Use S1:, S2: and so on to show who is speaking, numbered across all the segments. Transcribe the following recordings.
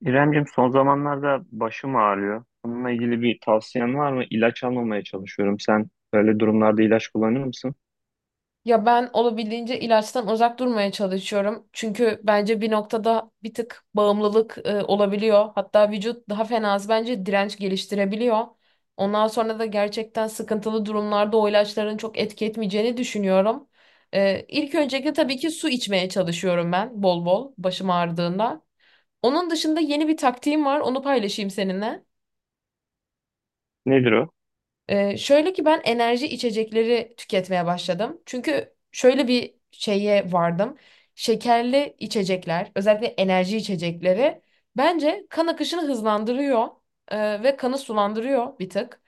S1: İremcim, son zamanlarda başım ağrıyor. Bununla ilgili bir tavsiyen var mı? İlaç almamaya çalışıyorum. Sen böyle durumlarda ilaç kullanır mısın?
S2: Ya ben olabildiğince ilaçtan uzak durmaya çalışıyorum. Çünkü bence bir noktada bir tık bağımlılık olabiliyor. Hatta vücut daha fenası bence direnç geliştirebiliyor. Ondan sonra da gerçekten sıkıntılı durumlarda o ilaçların çok etki etmeyeceğini düşünüyorum. İlk öncelikle tabii ki su içmeye çalışıyorum ben bol bol başım ağrıdığında. Onun dışında yeni bir taktiğim var, onu paylaşayım seninle.
S1: Nedir o?
S2: Şöyle ki ben enerji içecekleri tüketmeye başladım. Çünkü şöyle bir şeye vardım. Şekerli içecekler, özellikle enerji içecekleri bence kan akışını hızlandırıyor ve kanı sulandırıyor bir tık.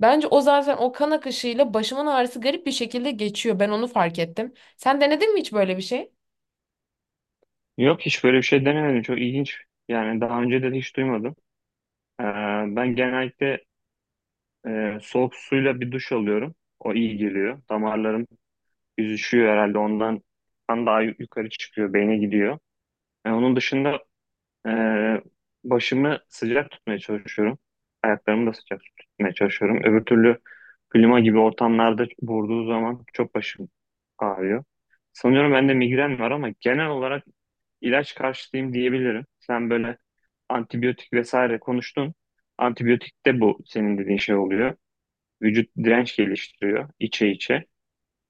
S2: Bence o zaten o kan akışıyla başımın ağrısı garip bir şekilde geçiyor. Ben onu fark ettim. Sen denedin mi hiç böyle bir şey?
S1: Yok, hiç böyle bir şey denemedim. Çok ilginç. Yani daha önce de hiç duymadım. Ee, Ben genellikle soğuk suyla bir duş alıyorum. O iyi geliyor. Damarlarım yüzüşüyor herhalde, ondan kan daha yukarı çıkıyor, beyne gidiyor. Yani onun dışında Ee, başımı sıcak tutmaya çalışıyorum. Ayaklarımı da sıcak tutmaya çalışıyorum. Öbür türlü klima gibi ortamlarda vurduğu zaman çok başım ağrıyor. Sanıyorum bende migren var ama genel olarak ilaç karşıtıyım diyebilirim. Sen böyle antibiyotik vesaire konuştun. Antibiyotik de bu senin dediğin şey oluyor. Vücut direnç geliştiriyor içe içe.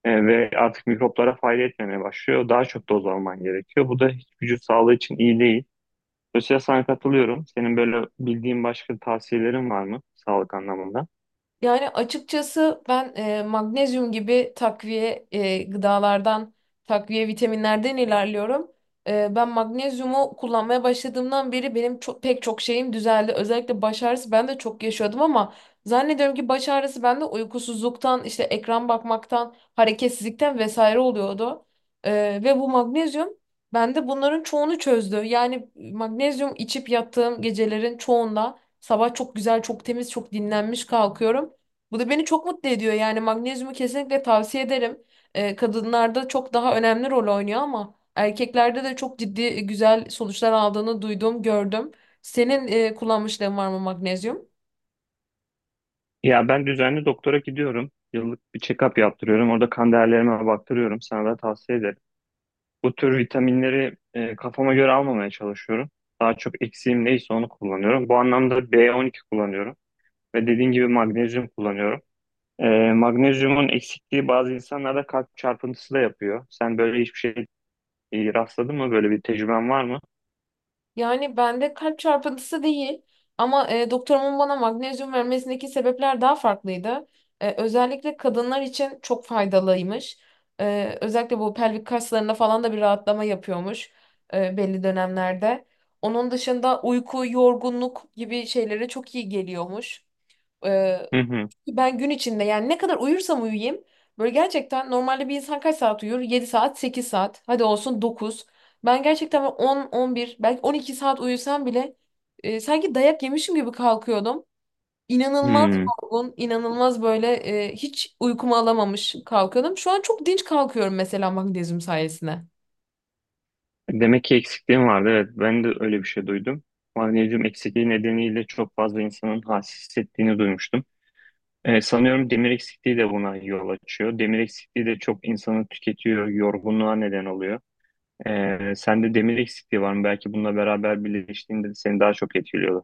S1: Ve artık mikroplara fayda etmemeye başlıyor. Daha çok doz alman gerekiyor. Bu da hiç vücut sağlığı için iyi değil. Mesela sana katılıyorum. Senin böyle bildiğin başka tavsiyelerin var mı sağlık anlamında?
S2: Yani açıkçası ben magnezyum gibi takviye gıdalardan, takviye vitaminlerden ilerliyorum. Ben magnezyumu kullanmaya başladığımdan beri benim çok, pek çok şeyim düzeldi. Özellikle baş ağrısı ben de çok yaşıyordum ama zannediyorum ki baş ağrısı bende uykusuzluktan, işte ekran bakmaktan, hareketsizlikten vesaire oluyordu. Ve bu magnezyum bende bunların çoğunu çözdü. Yani magnezyum içip yattığım gecelerin çoğunda sabah çok güzel, çok temiz, çok dinlenmiş kalkıyorum. Bu da beni çok mutlu ediyor. Yani magnezyumu kesinlikle tavsiye ederim. Kadınlarda çok daha önemli rol oynuyor ama erkeklerde de çok ciddi güzel sonuçlar aldığını duydum, gördüm. Senin kullanmışlığın var mı magnezyum?
S1: Ya, ben düzenli doktora gidiyorum. Yıllık bir check-up yaptırıyorum. Orada kan değerlerime baktırıyorum. Sana da tavsiye ederim. Bu tür vitaminleri kafama göre almamaya çalışıyorum. Daha çok eksiğim neyse onu kullanıyorum. Bu anlamda B12 kullanıyorum. Ve dediğin gibi magnezyum kullanıyorum. E, Magnezyumun eksikliği bazı insanlarda kalp çarpıntısı da yapıyor. Sen böyle hiçbir şey rastladın mı? Böyle bir tecrüben var mı?
S2: Yani bende kalp çarpıntısı değil ama doktorumun bana magnezyum vermesindeki sebepler daha farklıydı. Özellikle kadınlar için çok faydalıymış. Özellikle bu pelvik kaslarında falan da bir rahatlama yapıyormuş belli dönemlerde. Onun dışında uyku, yorgunluk gibi şeylere çok iyi geliyormuş. E,
S1: Hı hı.
S2: Ben gün içinde yani ne kadar uyursam uyuyayım böyle gerçekten normalde bir insan kaç saat uyur? 7 saat, 8 saat. Hadi olsun 9. Ben gerçekten böyle 10, 11 belki 12 saat uyusam bile sanki dayak yemişim gibi kalkıyordum. İnanılmaz
S1: Hmm.
S2: yorgun, inanılmaz böyle hiç uykumu alamamış kalkıyordum. Şu an çok dinç kalkıyorum mesela magnezyum sayesinde.
S1: Demek ki eksikliğim vardı. Evet, ben de öyle bir şey duydum. Magnezyum eksikliği nedeniyle çok fazla insanın halsiz hissettiğini duymuştum. Sanıyorum demir eksikliği de buna yol açıyor. Demir eksikliği de çok insanı tüketiyor, yorgunluğa neden oluyor. Sende demir eksikliği var mı? Belki bununla beraber birleştiğinde seni daha çok etkiliyorlar.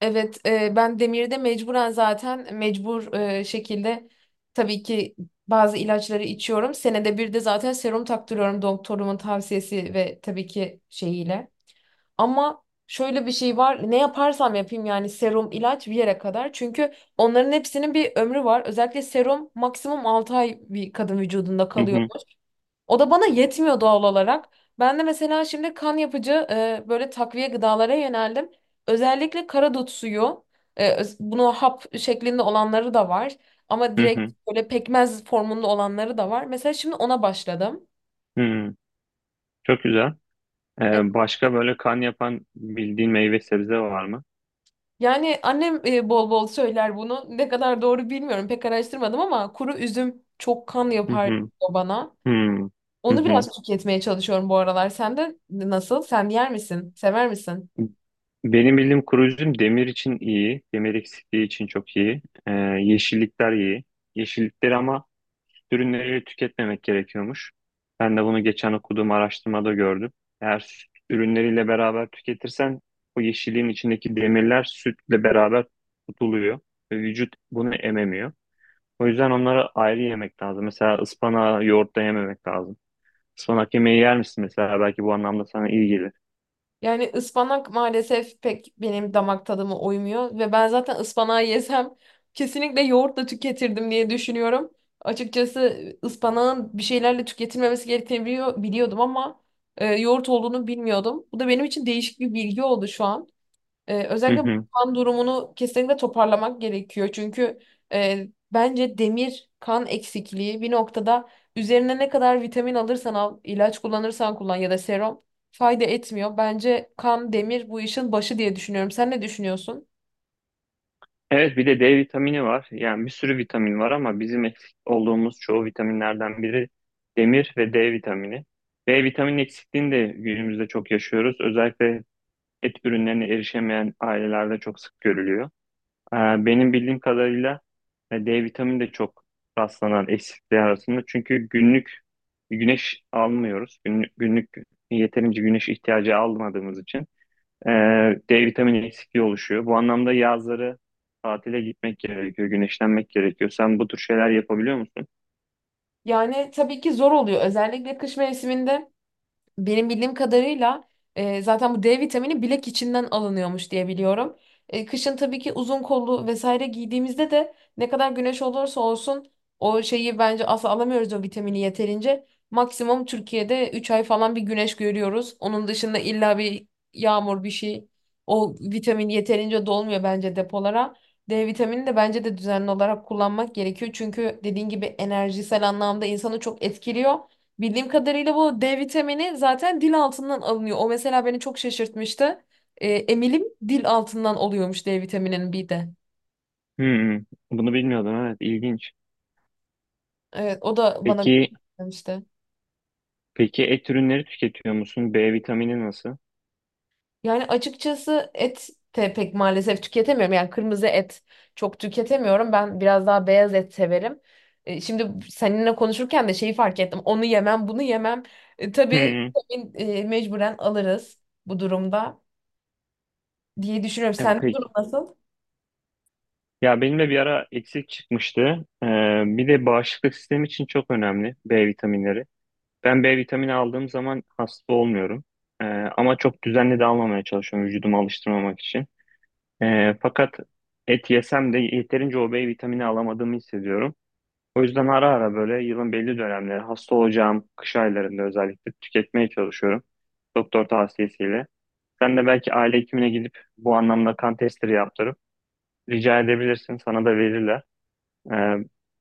S2: Evet, ben Demir'de mecburen zaten mecbur şekilde tabii ki bazı ilaçları içiyorum. Senede bir de zaten serum taktırıyorum doktorumun tavsiyesi ve tabii ki şeyiyle. Ama şöyle bir şey var. Ne yaparsam yapayım yani serum, ilaç bir yere kadar. Çünkü onların hepsinin bir ömrü var. Özellikle serum maksimum 6 ay bir kadın vücudunda
S1: Hı
S2: kalıyor.
S1: hı,
S2: O da bana yetmiyor doğal olarak. Ben de mesela şimdi kan yapıcı böyle takviye gıdalara yöneldim. Özellikle karadut suyu, bunu hap şeklinde olanları da var. Ama
S1: hı
S2: direkt
S1: hı,
S2: böyle pekmez formunda olanları da var. Mesela şimdi ona başladım.
S1: hı hı. Çok güzel.
S2: E,
S1: Başka böyle kan yapan bildiğin meyve sebze var mı?
S2: Yani annem bol bol söyler bunu. Ne kadar doğru bilmiyorum, pek araştırmadım ama kuru üzüm çok kan
S1: Hı
S2: yapar
S1: hı,
S2: diyor bana.
S1: hı hı,
S2: Onu
S1: hı
S2: biraz tüketmeye çalışıyorum bu aralar. Sen de nasıl? Sen yer misin? Sever misin?
S1: hı. Benim bildiğim koruyucum demir için iyi. Demir eksikliği için çok iyi. Yeşillikler iyi. Yeşillikleri ama ürünleri tüketmemek gerekiyormuş. Ben de bunu geçen okuduğum araştırmada gördüm. Eğer süt ürünleriyle beraber tüketirsen o yeşilliğin içindeki demirler sütle beraber tutuluyor. Ve vücut bunu ememiyor. O yüzden onları ayrı yemek lazım. Mesela ıspanağı yoğurtla yememek lazım. Ispanak yemeği yer misin mesela? Belki bu anlamda sana iyi gelir.
S2: Yani ıspanak maalesef pek benim damak tadıma uymuyor ve ben zaten ıspanağı yesem kesinlikle yoğurtla tüketirdim diye düşünüyorum. Açıkçası ıspanağın bir şeylerle tüketilmemesi gerektiğini biliyordum ama yoğurt olduğunu bilmiyordum. Bu da benim için değişik bir bilgi oldu şu an. Özellikle bu kan durumunu kesinlikle toparlamak gerekiyor. Çünkü e, bence demir kan eksikliği bir noktada üzerine ne kadar vitamin alırsan al, ilaç kullanırsan kullan ya da serum fayda etmiyor. Bence kan, demir bu işin başı diye düşünüyorum. Sen ne düşünüyorsun?
S1: Evet, bir de D vitamini var. Yani bir sürü vitamin var ama bizim eksik olduğumuz çoğu vitaminlerden biri demir ve D vitamini. D vitamini eksikliğini de günümüzde çok yaşıyoruz. Özellikle et ürünlerine erişemeyen ailelerde çok sık görülüyor. Ee, Benim bildiğim kadarıyla D vitamini de çok rastlanan eksikliği arasında. Çünkü günlük güneş almıyoruz. Günlük, günlük yeterince güneş ihtiyacı almadığımız için. E, D vitamini eksikliği oluşuyor. Bu anlamda yazları tatile gitmek gerekiyor, güneşlenmek gerekiyor. Sen bu tür şeyler yapabiliyor musun?
S2: Yani tabii ki zor oluyor. Özellikle kış mevsiminde benim bildiğim kadarıyla zaten bu D vitamini bilek içinden alınıyormuş diye biliyorum. Kışın tabii ki uzun kollu vesaire giydiğimizde de ne kadar güneş olursa olsun o şeyi bence asla alamıyoruz o vitamini yeterince. Maksimum Türkiye'de 3 ay falan bir güneş görüyoruz. Onun dışında illa bir yağmur bir şey. O vitamin yeterince dolmuyor bence depolara. D vitamini de bence de düzenli olarak kullanmak gerekiyor. Çünkü dediğin gibi enerjisel anlamda insanı çok etkiliyor. Bildiğim kadarıyla bu D vitamini zaten dil altından alınıyor. O mesela beni çok şaşırtmıştı. Emilim dil altından oluyormuş D vitamininin bir de.
S1: Hmm, bunu bilmiyordum. Evet, ilginç.
S2: Evet, o da bana
S1: Peki,
S2: demişti.
S1: peki et ürünleri tüketiyor musun? B vitamini nasıl?
S2: Yani açıkçası et de pek maalesef tüketemiyorum. Yani kırmızı et çok tüketemiyorum. Ben biraz daha beyaz et severim. Şimdi seninle konuşurken de şeyi fark ettim. Onu yemem, bunu yemem. Tabii
S1: Hmm,
S2: vitamin, mecburen alırız bu durumda, diye düşünüyorum. Sende
S1: peki.
S2: durum nasıl?
S1: Ya, benim de bir ara eksik çıkmıştı. E, Bir de bağışıklık sistemi için çok önemli B vitaminleri. Ben B vitamini aldığım zaman hasta olmuyorum. Ama çok düzenli de almamaya çalışıyorum vücudumu alıştırmamak için. Fakat et yesem de yeterince o B vitamini alamadığımı hissediyorum. O yüzden ara ara böyle yılın belli dönemleri hasta olacağım kış aylarında özellikle tüketmeye çalışıyorum. Doktor tavsiyesiyle. Sen de belki aile hekimine gidip bu anlamda kan testleri yaptırıp rica edebilirsin. Sana da verirler. Ee,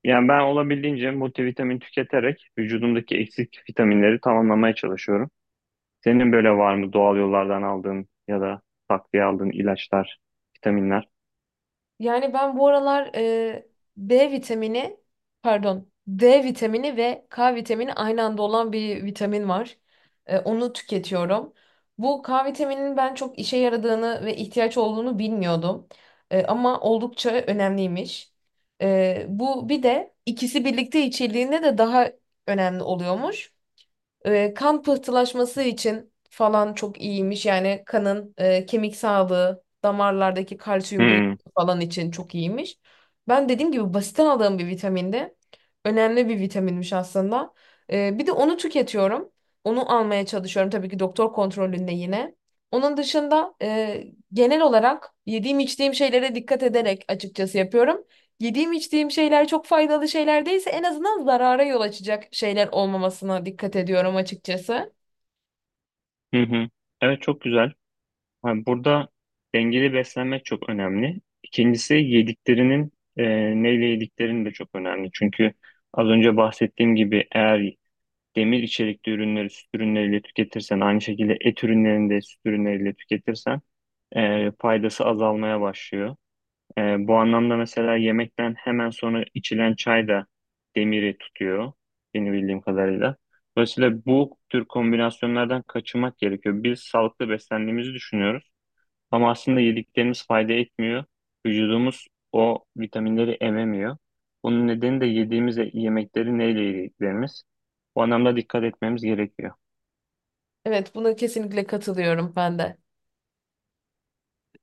S1: Yani ben olabildiğince multivitamin tüketerek vücudumdaki eksik vitaminleri tamamlamaya çalışıyorum. Senin böyle var mı doğal yollardan aldığın ya da takviye aldığın ilaçlar, vitaminler?
S2: Yani ben bu aralar B vitamini, D vitamini ve K vitamini aynı anda olan bir vitamin var. Onu tüketiyorum. Bu K vitamininin ben çok işe yaradığını ve ihtiyaç olduğunu bilmiyordum. Ama oldukça önemliymiş. Bu bir de ikisi birlikte içildiğinde de daha önemli oluyormuş. Kan pıhtılaşması için falan çok iyiymiş. Yani kanın kemik sağlığı, damarlardaki kalsiyum
S1: Hmm.
S2: birikimi falan için çok iyiymiş. Ben dediğim gibi basitten aldığım bir vitaminde önemli bir vitaminmiş aslında. Bir de onu tüketiyorum. Onu almaya çalışıyorum tabii ki doktor kontrolünde yine. Onun dışında genel olarak yediğim içtiğim şeylere dikkat ederek açıkçası yapıyorum. Yediğim içtiğim şeyler çok faydalı şeyler değilse en azından zarara yol açacak şeyler olmamasına dikkat ediyorum açıkçası.
S1: Hı hı. Evet, çok güzel. Yani burada dengeli beslenmek çok önemli. İkincisi yediklerinin neyle yediklerin de çok önemli. Çünkü az önce bahsettiğim gibi eğer demir içerikli ürünleri süt ürünleriyle tüketirsen aynı şekilde et ürünlerini de süt ürünleriyle tüketirsen faydası azalmaya başlıyor. Bu anlamda mesela yemekten hemen sonra içilen çay da demiri tutuyor benim bildiğim kadarıyla. Dolayısıyla bu tür kombinasyonlardan kaçınmak gerekiyor. Biz sağlıklı beslendiğimizi düşünüyoruz ama aslında yediklerimiz fayda etmiyor. Vücudumuz o vitaminleri ememiyor. Bunun nedeni de yediğimiz yemekleri neyle yediklerimiz. Bu anlamda dikkat etmemiz gerekiyor.
S2: Evet, buna kesinlikle katılıyorum ben de.